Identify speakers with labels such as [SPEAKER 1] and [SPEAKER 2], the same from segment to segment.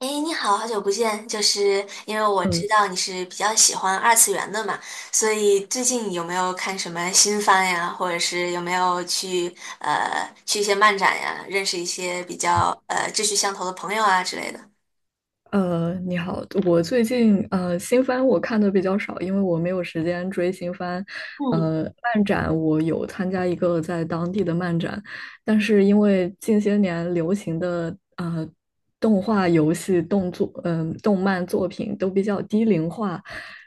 [SPEAKER 1] 哎，诶你好，好久不见！就是因为我知
[SPEAKER 2] 嗯，
[SPEAKER 1] 道你是比较喜欢二次元的嘛，所以最近有没有看什么新番呀，或者是有没有去去一些漫展呀，认识一些比较志趣相投的朋友啊之类的？
[SPEAKER 2] 你好，我最近新番我看的比较少，因为我没有时间追新番。
[SPEAKER 1] 嗯
[SPEAKER 2] 呃，漫展我有参加一个在当地的漫展，但是因为近些年流行的动画、游戏、动作动漫作品都比较低龄化，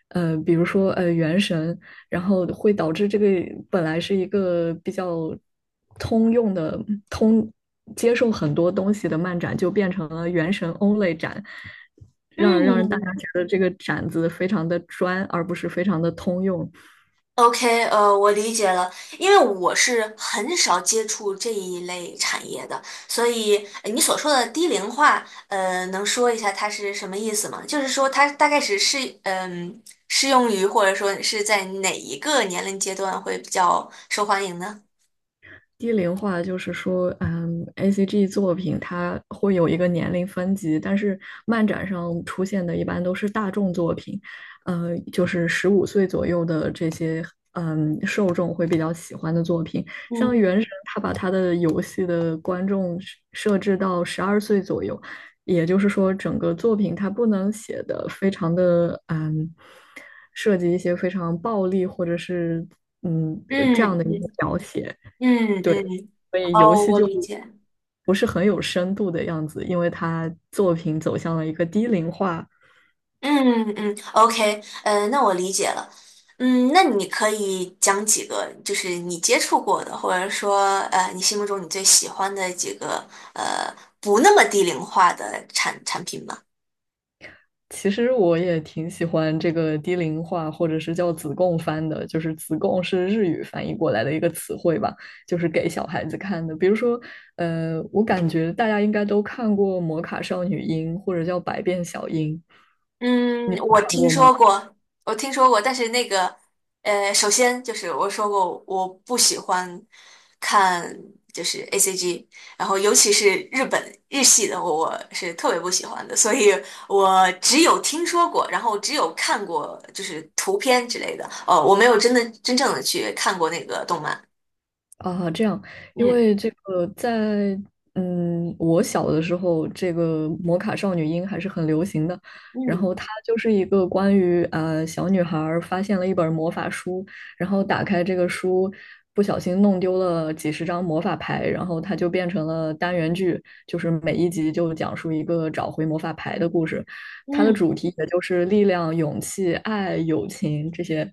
[SPEAKER 2] 比如说《原神》。然后会导致这个本来是一个比较通用的、通接受很多东西的漫展，就变成了原神 only 展，让大
[SPEAKER 1] 嗯，
[SPEAKER 2] 家觉得这个展子非常的专，而不是非常的通用。
[SPEAKER 1] OK，我理解了，因为我是很少接触这一类产业的，所以你所说的低龄化，呃，能说一下它是什么意思吗？就是说它大概是嗯，适用于或者说是在哪一个年龄阶段会比较受欢迎呢？
[SPEAKER 2] 低龄化就是说，A C G 作品它会有一个年龄分级，但是漫展上出现的一般都是大众作品，就是15岁左右的这些，受众会比较喜欢的作品。像
[SPEAKER 1] 嗯。
[SPEAKER 2] 《原神》，它把它的游戏的观众设置到12岁左右，也就是说，整个作品它不能写的非常的，涉及一些非常暴力或者是，嗯，这
[SPEAKER 1] 嗯
[SPEAKER 2] 样的一个
[SPEAKER 1] 嗯
[SPEAKER 2] 描写。
[SPEAKER 1] 嗯嗯，
[SPEAKER 2] 所以游
[SPEAKER 1] 哦，
[SPEAKER 2] 戏
[SPEAKER 1] 我
[SPEAKER 2] 就
[SPEAKER 1] 理解。
[SPEAKER 2] 不是很有深度的样子，因为它作品走向了一个低龄化。
[SPEAKER 1] 嗯嗯，OK，那我理解了。嗯，那你可以讲几个，就是你接触过的，或者说，呃，你心目中你最喜欢的几个，呃，不那么低龄化的产品吗？
[SPEAKER 2] 其实我也挺喜欢这个低龄化，或者是叫子贡番的，就是子贡是日语翻译过来的一个词汇吧，就是给小孩子看的。比如说，我感觉大家应该都看过《魔卡少女樱》或者叫《百变小樱》，
[SPEAKER 1] 嗯，
[SPEAKER 2] 你有
[SPEAKER 1] 我
[SPEAKER 2] 看
[SPEAKER 1] 听
[SPEAKER 2] 过吗？
[SPEAKER 1] 说过。我听说过，但是那个，呃，首先就是我说过，我不喜欢看就是 A C G，然后尤其是日本日系的，我是特别不喜欢的，所以我只有听说过，然后只有看过就是图片之类的。哦，我没有真的真正的去看过那个动漫。
[SPEAKER 2] 啊，这样，因
[SPEAKER 1] 嗯
[SPEAKER 2] 为这个在我小的时候，这个摩卡少女樱还是很流行的。然
[SPEAKER 1] 嗯
[SPEAKER 2] 后它就是一个关于小女孩儿发现了一本魔法书，然后打开这个书，不小心弄丢了几十张魔法牌，然后它就变成了单元剧，就是每一集就讲述一个找回魔法牌的故事。它的
[SPEAKER 1] 嗯
[SPEAKER 2] 主题也就是力量、勇气、爱、友情这些，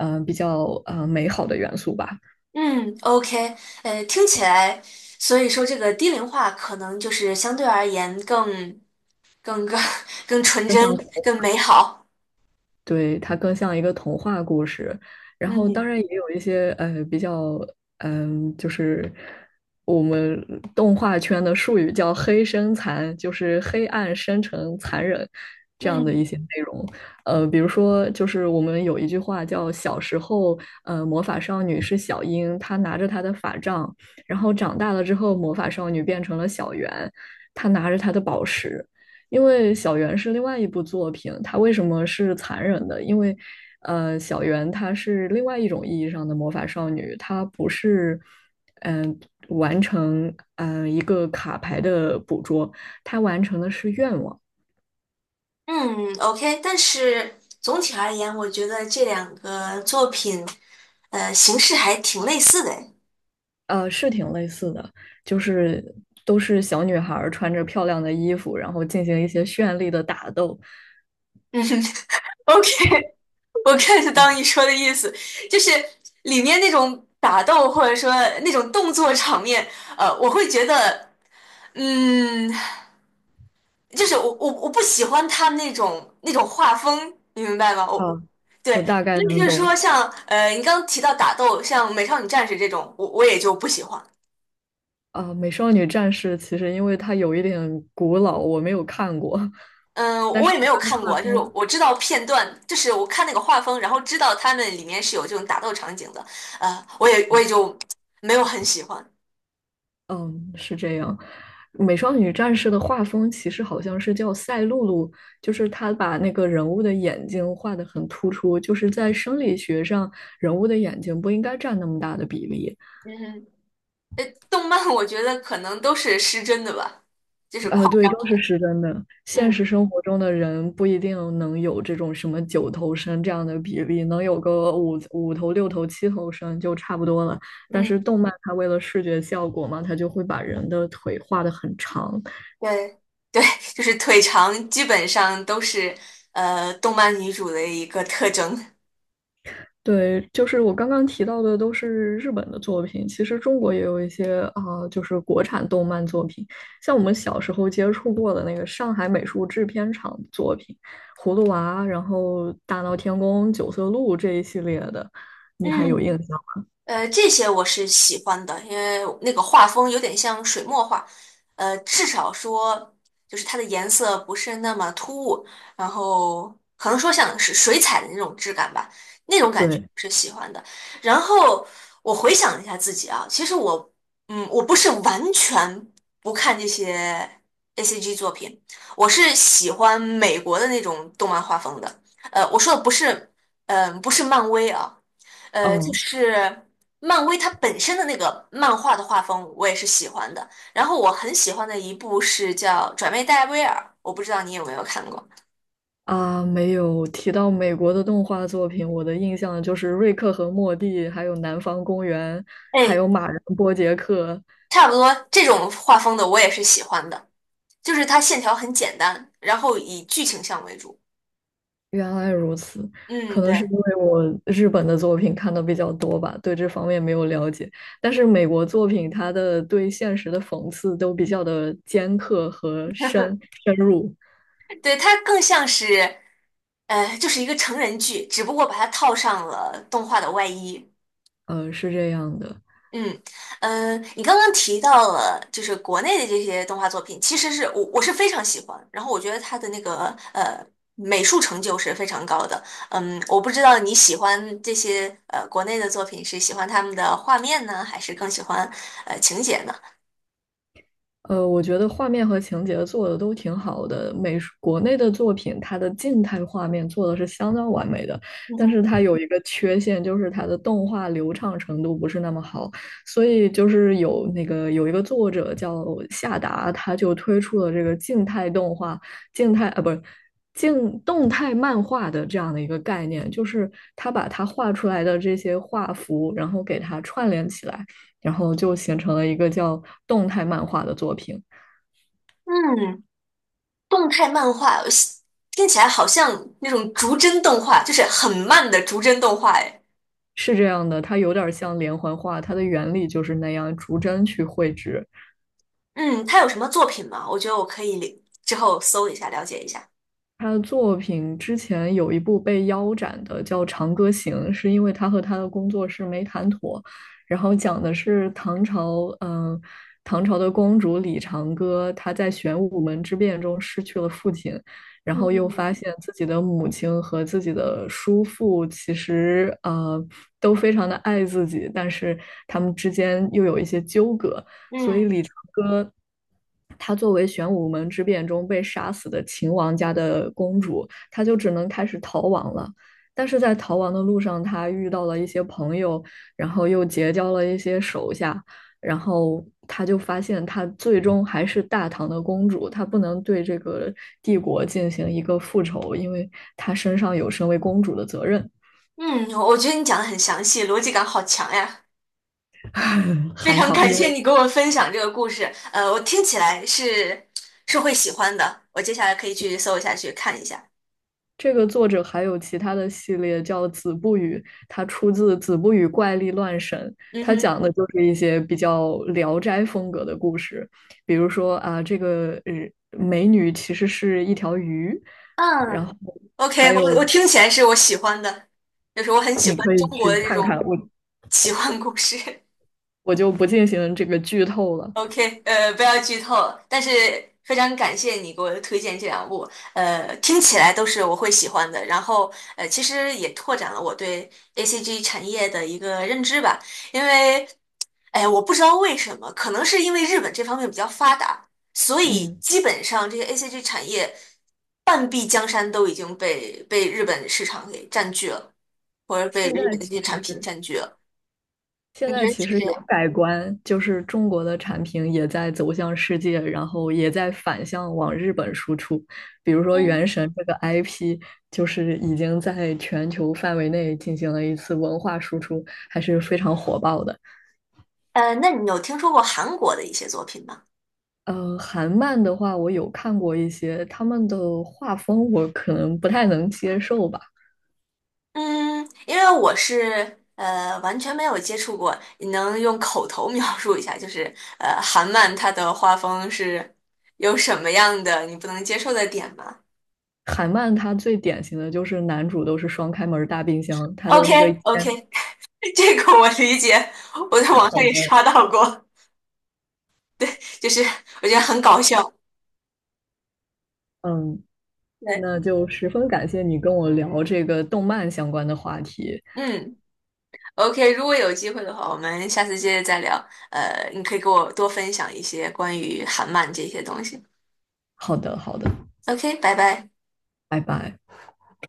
[SPEAKER 2] 比较美好的元素吧。
[SPEAKER 1] 嗯，OK，呃，听起来，所以说这个低龄化可能就是相对而言更。更更更纯
[SPEAKER 2] 就像
[SPEAKER 1] 真、
[SPEAKER 2] 童
[SPEAKER 1] 更美好。
[SPEAKER 2] 对，它更像一个童话故事。然后当
[SPEAKER 1] 嗯
[SPEAKER 2] 然也有一些比较就是我们动画圈的术语叫"黑深残"，就是黑暗、深沉、残忍这样的一
[SPEAKER 1] 嗯
[SPEAKER 2] 些内容。比如说就是我们有一句话叫"小时候，魔法少女是小樱，她拿着她的法杖，然后长大了之后，魔法少女变成了小圆，她拿着她的宝石。"因为小圆是另外一部作品，它为什么是残忍的？因为，小圆她是另外一种意义上的魔法少女，她不是，嗯、完成一个卡牌的捕捉，她完成的是愿望，
[SPEAKER 1] 嗯，OK。但是总体而言，我觉得这两个作品，呃，形式还挺类似的 诶。
[SPEAKER 2] 是挺类似的，就是都是小女孩穿着漂亮的衣服，然后进行一些绚丽的打斗，
[SPEAKER 1] 嗯 ，OK，我 get 到你说的意思，就是里面那种打斗或者说那种动作场面，呃，我会觉得，嗯。就是我不喜欢他那种画风，你明白吗？
[SPEAKER 2] 啊，我
[SPEAKER 1] 对，
[SPEAKER 2] 大概
[SPEAKER 1] 所以就
[SPEAKER 2] 能
[SPEAKER 1] 是说
[SPEAKER 2] 懂
[SPEAKER 1] 像你刚刚提到打斗，像《美少女战士》这种，我也就不喜欢。
[SPEAKER 2] 啊，美少女战士》其实因为它有一点古老，我没有看过，
[SPEAKER 1] 嗯，
[SPEAKER 2] 但是
[SPEAKER 1] 我也没有
[SPEAKER 2] 它的
[SPEAKER 1] 看
[SPEAKER 2] 画
[SPEAKER 1] 过，就是
[SPEAKER 2] 风，
[SPEAKER 1] 我知道片段，就是我看那个画风，然后知道他们里面是有这种打斗场景的，呃，我也就没有很喜欢。
[SPEAKER 2] 嗯，是这样。美少女战士的画风其实好像是叫赛璐璐，就是她把那个人物的眼睛画得很突出，就是在生理学上，人物的眼睛不应该占那么大的比例。
[SPEAKER 1] 嗯，呃，动漫我觉得可能都是失真的吧，就是夸。
[SPEAKER 2] 对，都是失真的。现
[SPEAKER 1] 嗯
[SPEAKER 2] 实生活中的人不一定能有这种什么九头身这样的比例，能有个五五头、六头、七头身就差不多了。但是
[SPEAKER 1] 嗯。
[SPEAKER 2] 动漫它为了视觉效果嘛，它就会把人的腿画得很长。
[SPEAKER 1] 对，对，就是腿长，基本上都是动漫女主的一个特征。
[SPEAKER 2] 对，就是我刚刚提到的都是日本的作品，其实中国也有一些啊、就是国产动漫作品，像我们小时候接触过的那个上海美术制片厂的作品，《葫芦娃》，然后《大闹天宫》《九色鹿》这一系列的，你还有印
[SPEAKER 1] 嗯，
[SPEAKER 2] 象？
[SPEAKER 1] 呃，这些我是喜欢的，因为那个画风有点像水墨画，呃，至少说就是它的颜色不是那么突兀，然后可能说像是水彩的那种质感吧，那种感觉
[SPEAKER 2] 对，
[SPEAKER 1] 是喜欢的。然后我回想了一下自己啊，其实我，嗯，我不是完全不看这些 ACG 作品，我是喜欢美国的那种动漫画风的。呃，我说的不是，嗯、不是漫威啊。呃，就
[SPEAKER 2] 哦
[SPEAKER 1] 是漫威它本身的那个漫画的画风我也是喜欢的，然后我很喜欢的一部是叫《转妹戴维尔》，我不知道你有没有看过？
[SPEAKER 2] 啊，没有提到美国的动画作品，我的印象就是《瑞克和莫蒂》，还有《南方公园》，还
[SPEAKER 1] 哎，
[SPEAKER 2] 有《马人波杰克》
[SPEAKER 1] 差不多这种画风的我也是喜欢的，就是它线条很简单，然后以剧情向为主。
[SPEAKER 2] 原来如此，可
[SPEAKER 1] 嗯，
[SPEAKER 2] 能是因
[SPEAKER 1] 对。
[SPEAKER 2] 为我日本的作品看的比较多吧，对这方面没有了解。但是美国作品，它的对现实的讽刺都比较的尖刻和深入，
[SPEAKER 1] 对，它更像是，呃，就是一个成人剧，只不过把它套上了动画的外衣。
[SPEAKER 2] 是这样的。
[SPEAKER 1] 嗯嗯，呃你刚刚提到了就是国内的这些动画作品，其实是我是非常喜欢，然后我觉得它的那个呃美术成就是非常高的。嗯，我不知道你喜欢这些国内的作品是喜欢他们的画面呢，还是更喜欢情节呢？
[SPEAKER 2] 我觉得画面和情节做的都挺好的。美术国内的作品，它的静态画面做的是相当完美的，
[SPEAKER 1] 嗯
[SPEAKER 2] 但
[SPEAKER 1] 哼。
[SPEAKER 2] 是它有一个缺陷，就是它的动画流畅程度不是那么好。所以就是有那个有一个作者叫夏达，他就推出了这个静态动画、静态啊，不是。静动态漫画的这样的一个概念，就是他把他画出来的这些画幅，然后给它串联起来。然后就形成了一个叫动态漫画的作品。
[SPEAKER 1] 嗯，动态漫画我喜听起来好像那种逐帧动画，就是很慢的逐帧动画。哎，
[SPEAKER 2] 是这样的，它有点像连环画，它的原理就是那样，逐帧去绘制，
[SPEAKER 1] 嗯，他有什么作品吗？我觉得我可以之后搜一下了解一下。
[SPEAKER 2] 他的作品之前有一部被腰斩的，叫《长歌行》，是因为他和他的工作室没谈妥，然后讲的是唐朝，唐朝的公主李长歌，她在玄武门之变中失去了父亲，然后又发
[SPEAKER 1] 嗯。
[SPEAKER 2] 现自己的母亲和自己的叔父其实都非常的爱自己，但是他们之间又有一些纠葛。所以
[SPEAKER 1] 嗯。
[SPEAKER 2] 李长歌，她作为玄武门之变中被杀死的秦王家的公主，她就只能开始逃亡了。但是在逃亡的路上，她遇到了一些朋友，然后又结交了一些手下，然后她就发现，她最终还是大唐的公主，她不能对这个帝国进行一个复仇，因为她身上有身为公主的责任。
[SPEAKER 1] 嗯，我觉得你讲的很详细，逻辑感好强呀！非
[SPEAKER 2] 还
[SPEAKER 1] 常
[SPEAKER 2] 好，
[SPEAKER 1] 感
[SPEAKER 2] 因
[SPEAKER 1] 谢
[SPEAKER 2] 为
[SPEAKER 1] 你给我分享这个故事，呃，我听起来是是会喜欢的，我接下来可以去搜一下去看一下。
[SPEAKER 2] 这个作者还有其他的系列叫《子不语》，它出自《子不语怪力乱神》，
[SPEAKER 1] 嗯
[SPEAKER 2] 它
[SPEAKER 1] 哼。
[SPEAKER 2] 讲的就是一些比较《聊斋》风格的故事，比如说啊，这个美女其实是一条鱼，然
[SPEAKER 1] 嗯
[SPEAKER 2] 后
[SPEAKER 1] ，OK，
[SPEAKER 2] 还有
[SPEAKER 1] 我听起来是我喜欢的，就是我很喜
[SPEAKER 2] 你
[SPEAKER 1] 欢
[SPEAKER 2] 可
[SPEAKER 1] 中
[SPEAKER 2] 以
[SPEAKER 1] 国
[SPEAKER 2] 去
[SPEAKER 1] 的这
[SPEAKER 2] 看看，
[SPEAKER 1] 种
[SPEAKER 2] 我
[SPEAKER 1] 奇幻故事。
[SPEAKER 2] 我就不进行这个剧透了。
[SPEAKER 1] OK，呃，不要剧透，但是非常感谢你给我推荐这两部，呃，听起来都是我会喜欢的。然后，呃，其实也拓展了我对 ACG 产业的一个认知吧，因为，哎，我不知道为什么，可能是因为日本这方面比较发达，所以
[SPEAKER 2] 嗯，
[SPEAKER 1] 基本上这些 ACG 产业半壁江山都已经被日本市场给占据了，或者被
[SPEAKER 2] 现
[SPEAKER 1] 日
[SPEAKER 2] 在
[SPEAKER 1] 本的这
[SPEAKER 2] 其
[SPEAKER 1] 些产
[SPEAKER 2] 实
[SPEAKER 1] 品占据了。
[SPEAKER 2] 现
[SPEAKER 1] 你
[SPEAKER 2] 在
[SPEAKER 1] 觉得
[SPEAKER 2] 其
[SPEAKER 1] 是
[SPEAKER 2] 实
[SPEAKER 1] 这
[SPEAKER 2] 有
[SPEAKER 1] 样？
[SPEAKER 2] 改观，就是中国的产品也在走向世界，然后也在反向往日本输出。比如说《原
[SPEAKER 1] 嗯。
[SPEAKER 2] 神》这个 IP,就是已经在全球范围内进行了一次文化输出，还是非常火爆的。
[SPEAKER 1] 呃，那你有听说过韩国的一些作品吗？
[SPEAKER 2] 韩漫的话，我有看过一些，他们的画风我可能不太能接受吧。
[SPEAKER 1] 嗯，因为我是呃完全没有接触过，你能用口头描述一下，就是呃韩漫它的画风是有什么样的你不能接受的点吗
[SPEAKER 2] 韩漫它最典型的就是男主都是双开门大冰箱，他的
[SPEAKER 1] ？OK。
[SPEAKER 2] 那个烟
[SPEAKER 1] OK，这个我理解，我在网上
[SPEAKER 2] 好
[SPEAKER 1] 也
[SPEAKER 2] 的，
[SPEAKER 1] 刷到过，就是我觉得很搞笑。
[SPEAKER 2] 嗯，
[SPEAKER 1] 对。
[SPEAKER 2] 那就十分感谢你跟我聊这个动漫相关的话题。
[SPEAKER 1] 嗯，OK，如果有机会的话，我们下次接着再聊。呃，你可以给我多分享一些关于韩漫这些东西。
[SPEAKER 2] 好的，好的，
[SPEAKER 1] OK，拜拜。
[SPEAKER 2] 拜拜。